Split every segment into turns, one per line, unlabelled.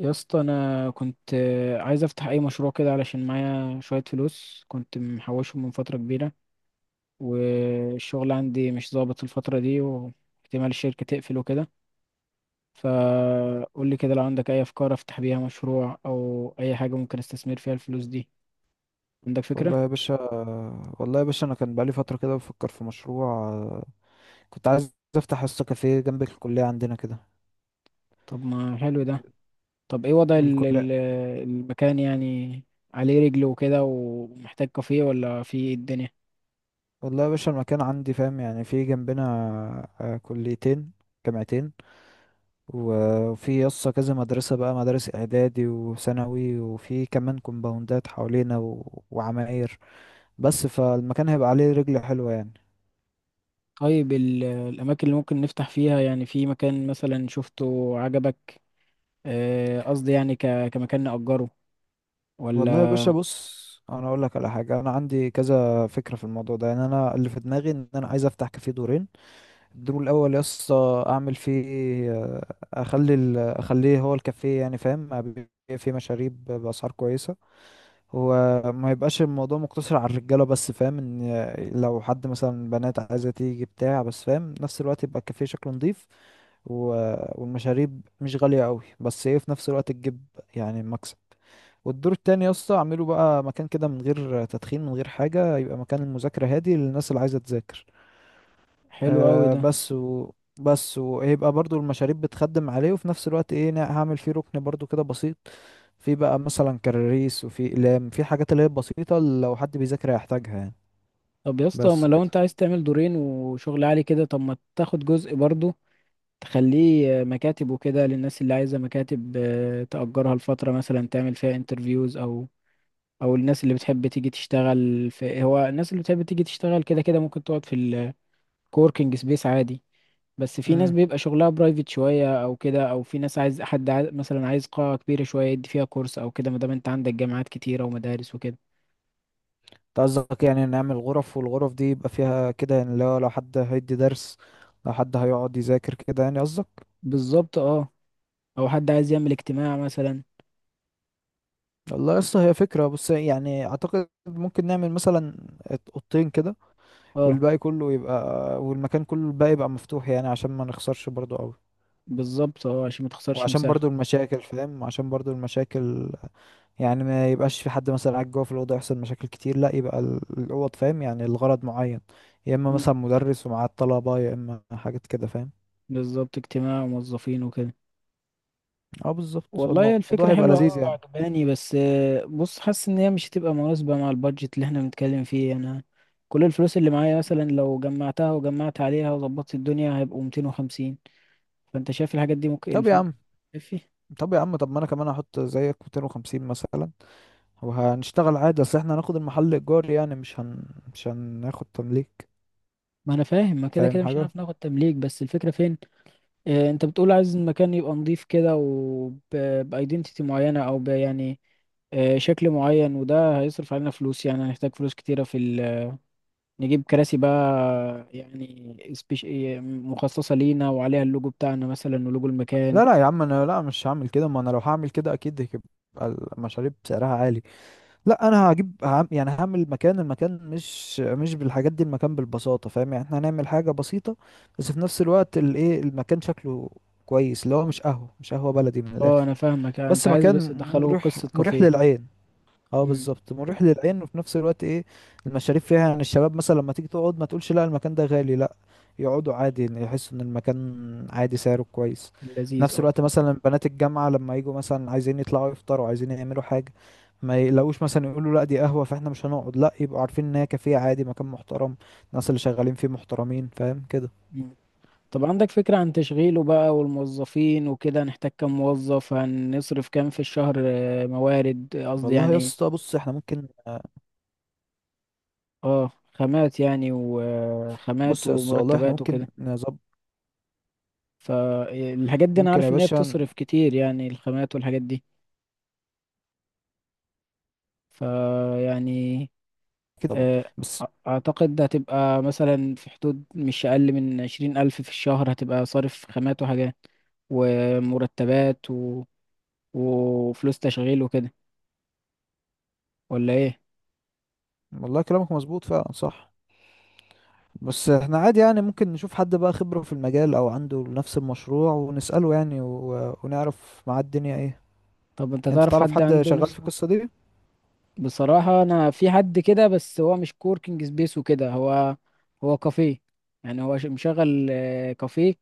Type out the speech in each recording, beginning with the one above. يا اسطى، انا كنت عايز افتح اي مشروع كده علشان معايا شويه فلوس كنت محوشهم من فتره كبيره. والشغل عندي مش ظابط الفتره دي، واحتمال الشركه تقفل وكده. فقول لي كده لو عندك اي افكار افتح بيها مشروع او اي حاجه ممكن استثمر فيها الفلوس دي. عندك فكره؟
والله يا باشا. انا كان بقالي فتره كده بفكر في مشروع. كنت عايز افتح اسطى كافيه جنب الكليه عندنا كده.
طب ما حلو ده. طب ايه وضع
بالكليه.
المكان يعني؟ عليه رجل وكده ومحتاج كافيه، ولا في إيه الدنيا؟
والله يا باشا المكان عندي فاهم، يعني في جنبنا كليتين، جامعتين. وفي يسطا كذا مدرسه، بقى مدارس اعدادي وثانوي، وفي كمان كومباوندات حوالينا وعماير. بس فالمكان هيبقى عليه رجل حلوه يعني.
طيب، الأماكن اللي ممكن نفتح فيها، يعني في مكان مثلا شفته عجبك؟ قصدي يعني كمكان نأجره، ولا؟
والله يا باشا بص، انا اقول لك على حاجه. انا عندي كذا فكره في الموضوع ده. يعني انا اللي في دماغي ان انا عايز افتح كافيه دورين. الدور الاول يا اسطى اعمل فيه آه، اخلي اخليه هو الكافيه، يعني فاهم، ابيع فيه مشاريب باسعار كويسه. هو ما يبقاش الموضوع مقتصر على الرجاله بس، فاهم؟ ان لو حد مثلا بنات عايزه تيجي بتاع، بس فاهم نفس الوقت يبقى الكافيه شكله نظيف والمشاريب مش غاليه قوي، بس ايه، في نفس الوقت تجيب يعني مكسب. والدور التاني يا اسطى اعمله بقى مكان كده من غير تدخين، من غير حاجه، يبقى مكان المذاكره هادي للناس اللي عايزه تذاكر.
حلو أوي
آه
ده.
بس و بس ويبقى برضو المشاريب بتخدم عليه، وفي نفس الوقت ايه، هعمل فيه ركن برضو كده بسيط، في بقى مثلا كراريس، وفي اقلام، في حاجات اللي هي بسيطة لو حد بيذاكر هيحتاجها يعني.
طب يا اسطى، ما
بس
لو أنت
كده.
عايز تعمل دورين وشغل عالي كده، طب ما تاخد جزء برضه، تخليه مكاتب وكده للناس اللي عايزة مكاتب، تأجرها لفترة مثلا، تعمل فيها انترفيوز، أو الناس اللي بتحب تيجي تشتغل في هو الناس اللي بتحب تيجي تشتغل كده كده، ممكن تقعد في الكوركينج سبيس عادي. بس في ناس
امم،
بيبقى شغلها برايفت شوية او كده، او في ناس عايز، حد عايز مثلا عايز قاعة كبيرة شوية يدي فيها كورس او كده، ما دام انت عندك جامعات كتيرة ومدارس وكده.
انت قصدك يعني نعمل غرف، والغرف دي يبقى فيها كده، يعني لو حد هيدي درس، لو حد هيقعد يذاكر كده، يعني قصدك؟
بالظبط، اه. او حد عايز يعمل اجتماع مثلا.
والله لسه هي فكرة، بس يعني اعتقد ممكن نعمل مثلا اوضتين كده،
اه،
والباقي كله يبقى، والمكان كله الباقي يبقى مفتوح، يعني عشان ما نخسرش برضو قوي.
بالظبط، اه، عشان ما تخسرش
وعشان
مساحة.
برضو المشاكل فاهم، وعشان برضو المشاكل، يعني ما يبقاش في حد مثلا قاعد جوه في الأوضة يحصل مشاكل كتير، لا، يبقى الأوض فاهم يعني الغرض معين، يا إما
مم.
مثلا مدرس ومعاه الطلبة، يا إما حاجات كده فاهم.
بالظبط، اجتماع وموظفين وكده.
اه بالظبط، هو
والله،
الموضوع
الفكرة
هيبقى
حلوة أوي
لذيذ يعني.
وعجباني، بس بص، حاسس إن هي مش هتبقى مناسبة مع البادجت اللي احنا بنتكلم فيه أنا. كل الفلوس اللي معايا مثلا، لو جمعتها وجمعت عليها وظبطت الدنيا، هيبقوا 250. فانت شايف الحاجات دي ممكن
طب يا
الفلوس
عم،
تكفي؟
طب ما أنا كمان هحط زيك 250 مثلا وهنشتغل عادي. أصل احنا هناخد المحل إيجار يعني، مش هناخد تمليك.
ما انا فاهم، ما كده
فاهم
كده مش
حاجة؟
هنعرف ناخد تمليك، بس الفكرة فين؟ انت بتقول عايز المكان يبقى نظيف كده وبايدنتيتي معينة، او يعني، شكل معين، وده هيصرف علينا فلوس، يعني هنحتاج فلوس كتيرة في ال... نجيب كراسي بقى، يعني سبيش... مخصصة لينا وعليها اللوجو بتاعنا مثلا، ولوجو المكان.
لا، يا عم أنا، لا، مش هعمل كده. ما أنا لو هعمل كده أكيد هيبقى المشاريب سعرها عالي. لا، انا هجيب يعني هعمل المكان. المكان مش بالحاجات دي. المكان بالبساطه فاهم، يعني احنا هنعمل حاجه بسيطه، بس في نفس الوقت الايه، المكان شكله كويس، اللي هو مش قهوه، مش قهوه بلدي من
اه،
الاخر.
انا فاهمك،
بس
انت عايز بس
مكان
تدخله
مريح،
قصة
مريح
كافيه.
للعين. اه
امم.
بالظبط، مريح للعين، وفي نفس الوقت ايه، المشاريب فيها يعني الشباب مثلا لما تيجي تقعد ما تقولش لا المكان ده غالي، لا، يقعدوا عادي، يعني يحسوا ان المكان عادي سعره كويس. في
لذيذ.
نفس الوقت مثلا بنات الجامعة لما يجوا مثلا عايزين يطلعوا يفطروا، عايزين يعملوا حاجة، ما يلاقوش مثلا يقولوا لا دي قهوة فاحنا مش هنقعد، لا، يبقوا عارفين ان هي كافيه عادي، مكان محترم، الناس اللي شغالين فيه محترمين، فاهم كده؟
اه، طب عندك فكرة عن تشغيله بقى والموظفين وكده؟ هنحتاج كام موظف، هنصرف كام في الشهر، موارد، قصدي
والله يا
يعني،
اسطى بص، احنا ممكن،
اه، خامات يعني، وخامات
بص يا اسطى والله احنا
ومرتبات
ممكن
وكده.
نظبط.
فالحاجات دي انا
ممكن يا
عارف ان هي
باشا
بتصرف كتير، يعني الخامات والحاجات دي، فيعني
كده طبعا،
آه،
بس
اعتقد هتبقى مثلا في حدود مش اقل من 20 ألف في الشهر، هتبقى صارف خامات وحاجات ومرتبات و... وفلوس تشغيل وكده. ولا ايه؟
والله كلامك مظبوط فعلا صح. بس احنا عادي يعني، ممكن نشوف حد بقى خبرة في المجال او عنده نفس المشروع ونسأله يعني، ونعرف معاه الدنيا ايه.
طب انت
انت
تعرف
تعرف
حد
حد
عنده
شغال
نفس؟
في القصة دي؟
بصراحة انا في حد كده، بس هو مش كوركينج سبيس وكده، هو كافيه. يعني هو مشغل كافيه،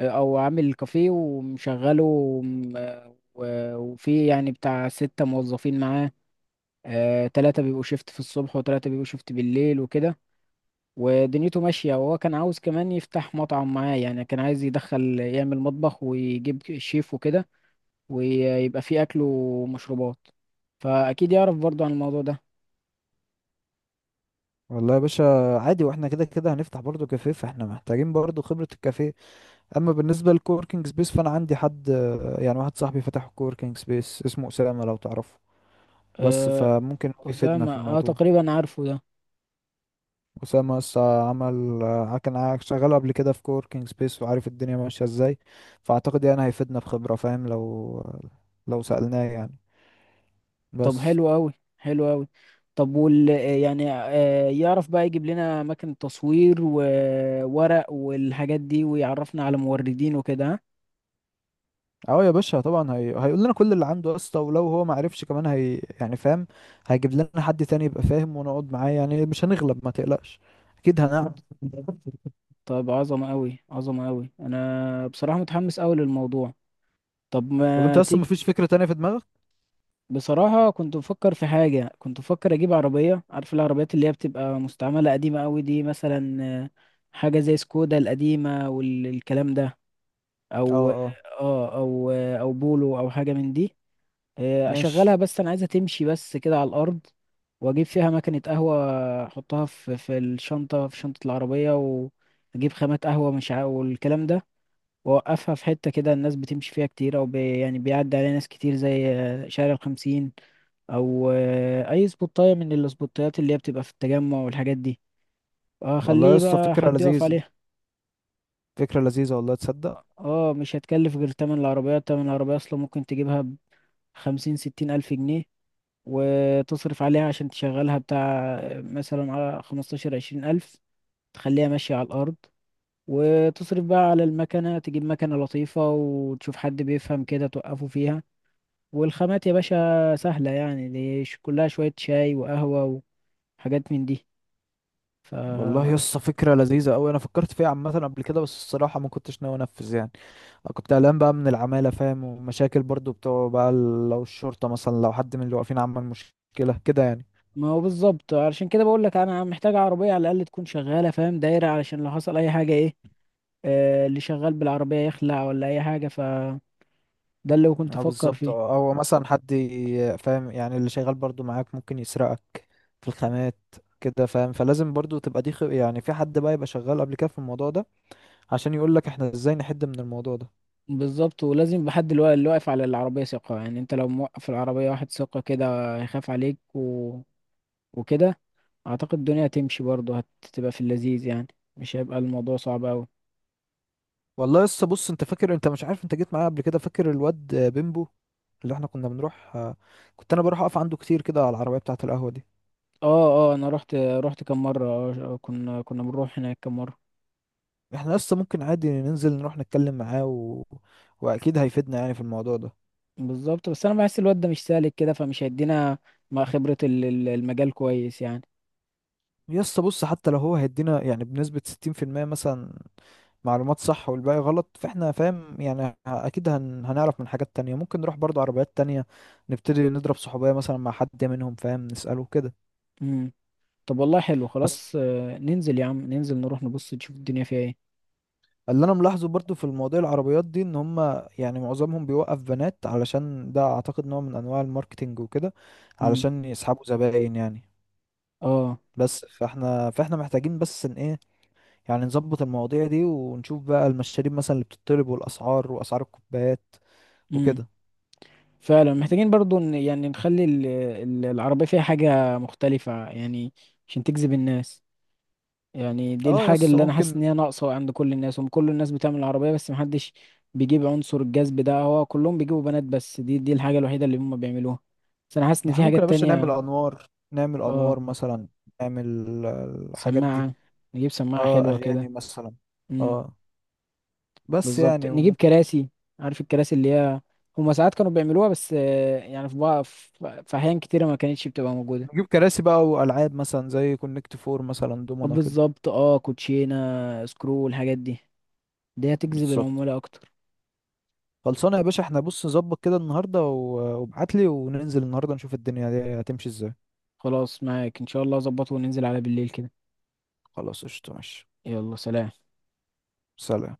او عامل كافيه ومشغله و- وفي يعني بتاع 6 موظفين معاه. تلاتة بيبقوا شيفت في الصبح، وتلاتة بيبقوا شيفت بالليل وكده. ودنيته ماشية، وهو كان عاوز كمان يفتح مطعم معاه، يعني كان عايز يدخل يعمل مطبخ ويجيب شيف وكده، ويبقى فيه أكل ومشروبات. فأكيد يعرف برضو عن الموضوع ده.
والله يا باشا عادي، واحنا كده كده هنفتح برضه كافيه، فاحنا محتاجين برضه خبرة الكافيه. اما بالنسبة للكوركينج سبيس فانا عندي حد، يعني واحد صاحبي فتح كوركينج سبيس اسمه اسامة، لو تعرفه. بس
أه،
فممكن هو يفيدنا
أسامة،
في
أه،
الموضوع.
تقريبا عارفه ده.
أسامة لسه عمل، كان شغال قبل كده في كوركينج سبيس وعارف الدنيا ماشية ازاي، فأعتقد يعني هيفيدنا بخبرة فاهم، لو سألناه يعني.
طب
بس
حلو أوي. حلو أوي. طب، يعني يعرف بقى يجيب لنا أماكن تصوير وورق والحاجات دي، ويعرفنا على موردين وكده، ها؟
اه يا باشا طبعا، هيقول لنا كل اللي عنده اصلا، ولو هو ما عرفش كمان هي يعني فاهم، هيجيب لنا حد تاني يبقى فاهم، ونقعد معاه يعني مش هنغلب ما تقلقش، اكيد هنعمل.
طب عظمة أوي، عظمة أوي، أنا بصراحة متحمس أوي للموضوع. طب
طب انت
ما
اصلا
تيجي.
مفيش فكرة تانية في دماغك؟
بصراحة، كنت بفكر في حاجة، كنت بفكر أجيب عربية، عارف العربيات اللي هي بتبقى مستعملة قديمة أوي دي مثلا. آه، حاجة زي سكودا القديمة والكلام ده.
اه
أو
اه،
أو بولو، أو حاجة من دي.
ماشي.
أشغلها، بس أنا عايزها تمشي بس كده على الأرض. وأجيب فيها مكنة قهوة، أحطها في الشنطة، في شنطة العربية، وأجيب خامات قهوة، مش والكلام ده. وأوقفها في حتة كده الناس بتمشي فيها كتير، أو يعني بيعدي عليها ناس كتير، زي شارع الخمسين، او اي سبوتايه من السبوتايات اللي هي بتبقى في التجمع والحاجات دي.
والله يا
اخليه
اسطى
بقى
فكرة
حد يقف
لذيذة،
عليها.
والله تصدق.
اه، مش هتكلف غير تمن العربية. تمن العربية اصلا ممكن تجيبها بخمسين ستين الف جنيه، وتصرف عليها عشان تشغلها بتاع، مثلا على 15-20 ألف، تخليها ماشية على الارض. وتصرف بقى على المكنة، تجيب مكنة لطيفة وتشوف حد بيفهم كده توقفه فيها. والخامات يا باشا سهلة، يعني دي كلها شوية شاي وقهوة وحاجات من دي. ف...
والله يسطا فكرة لذيذة أوي، أنا فكرت فيها عامة قبل كده، بس الصراحة ما كنتش ناوي أنفذ يعني. أنا كنت قلقان بقى من العمالة فاهم، ومشاكل برضو بتوع بقى لو الشرطة مثلا، لو حد من اللي واقفين عمل مشكلة كده يعني.
ما هو بالظبط، علشان كده بقول لك انا محتاج عربيه على الاقل تكون شغاله، فاهم، دايره، علشان لو حصل اي حاجه ايه، اللي شغال بالعربيه يخلع ولا اي حاجه، فده اللي كنت
أه
افكر
بالظبط، أه،
فيه.
أو مثلا حد فاهم يعني، اللي شغال برضو معاك ممكن يسرقك في الخامات كده فاهم، فلازم برضو تبقى دي يعني في حد بقى يبقى شغال قبل كده في الموضوع ده، عشان يقولك احنا ازاي نحد من الموضوع ده.
بالظبط، ولازم بحد، اللي واقف على العربيه ثقه، يعني انت لو موقف العربيه واحد ثقه كده هيخاف عليك و... وكده. اعتقد الدنيا هتمشي برضه، هتبقى في اللذيذ يعني، مش هيبقى الموضوع صعب قوي.
والله لسه بص، انت فاكر، انت مش عارف، انت جيت معايا قبل كده، فاكر الواد بيمبو اللي احنا كنا بنروح، كنت انا بروح اقف عنده كتير كده على العربية بتاعة القهوة دي.
اه، اه، انا رحت كم مره، كنا بنروح هناك كم مره.
احنا لسه ممكن عادي ننزل نروح نتكلم معاه واكيد هيفيدنا يعني في الموضوع ده.
بالظبط، بس انا بحس الواد ده مش سالك كده فمش هيدينا مع خبرة المجال كويس يعني.
لسه بص، حتى لو هو هيدينا يعني بنسبة 60% مثلا معلومات صح والباقي غلط، فاحنا فاهم يعني اكيد هنعرف من حاجات تانية، ممكن نروح برضو عربيات تانية نبتدي نضرب صحوبية مثلا مع حد منهم فاهم، نسأله كده.
امم. طب والله حلو،
بس
خلاص، ننزل يا عم، ننزل نروح نبص نشوف الدنيا فيها ايه.
اللي انا ملاحظه برضو في المواضيع العربيات دي ان هم، يعني معظمهم بيوقف بنات، علشان ده اعتقد نوع من انواع الماركتينج وكده
امم.
علشان يسحبوا زباين يعني.
اه.
بس فاحنا محتاجين بس ان ايه، يعني نظبط المواضيع دي، ونشوف بقى المشاريب مثلا اللي بتطلب والاسعار، واسعار الكوبايات
امم.
وكده.
فعلا محتاجين برضو يعني نخلي العربية فيها حاجة مختلفة يعني، عشان تجذب الناس. يعني دي
اه
الحاجة
يس
اللي انا حاسس
ممكن.
ان هي ناقصة عند كل الناس، هم كل الناس بتعمل عربية بس محدش بيجيب عنصر الجذب ده، هو كلهم بيجيبوا بنات، بس دي الحاجة الوحيدة اللي هم بيعملوها. بس انا حاسس ان
احنا
في
ممكن يا
حاجات
باشا نعمل
تانية.
انوار، نعمل
اه،
انوار مثلا، نعمل الحاجات دي.
سماعة، نجيب سماعة
اه
حلوة كده.
اغاني مثلا.
امم.
اه بس
بالظبط،
يعني،
نجيب
وممكن
كراسي. عارف الكراسي اللي هي هما ساعات كانوا بيعملوها، بس يعني في بعض، في أحيان كتيرة ما كانتش بتبقى موجودة.
نجيب كراسي بقى، والعاب مثلا زي كونكت فور مثلا،
طب،
دومنا كده.
بالظبط، اه، كوتشينة، سكرو، الحاجات دي دي هتجذب
بالظبط.
العمولة أكتر.
خلصانه يا باشا، احنا بص نظبط كده النهارده وابعت لي، وننزل النهارده نشوف الدنيا دي هتمشي ازاي.
خلاص، معاك إن شاء الله أظبطه وننزل على بالليل كده.
خلاص قشطه ماشي.
يلا، سلام.
سلام.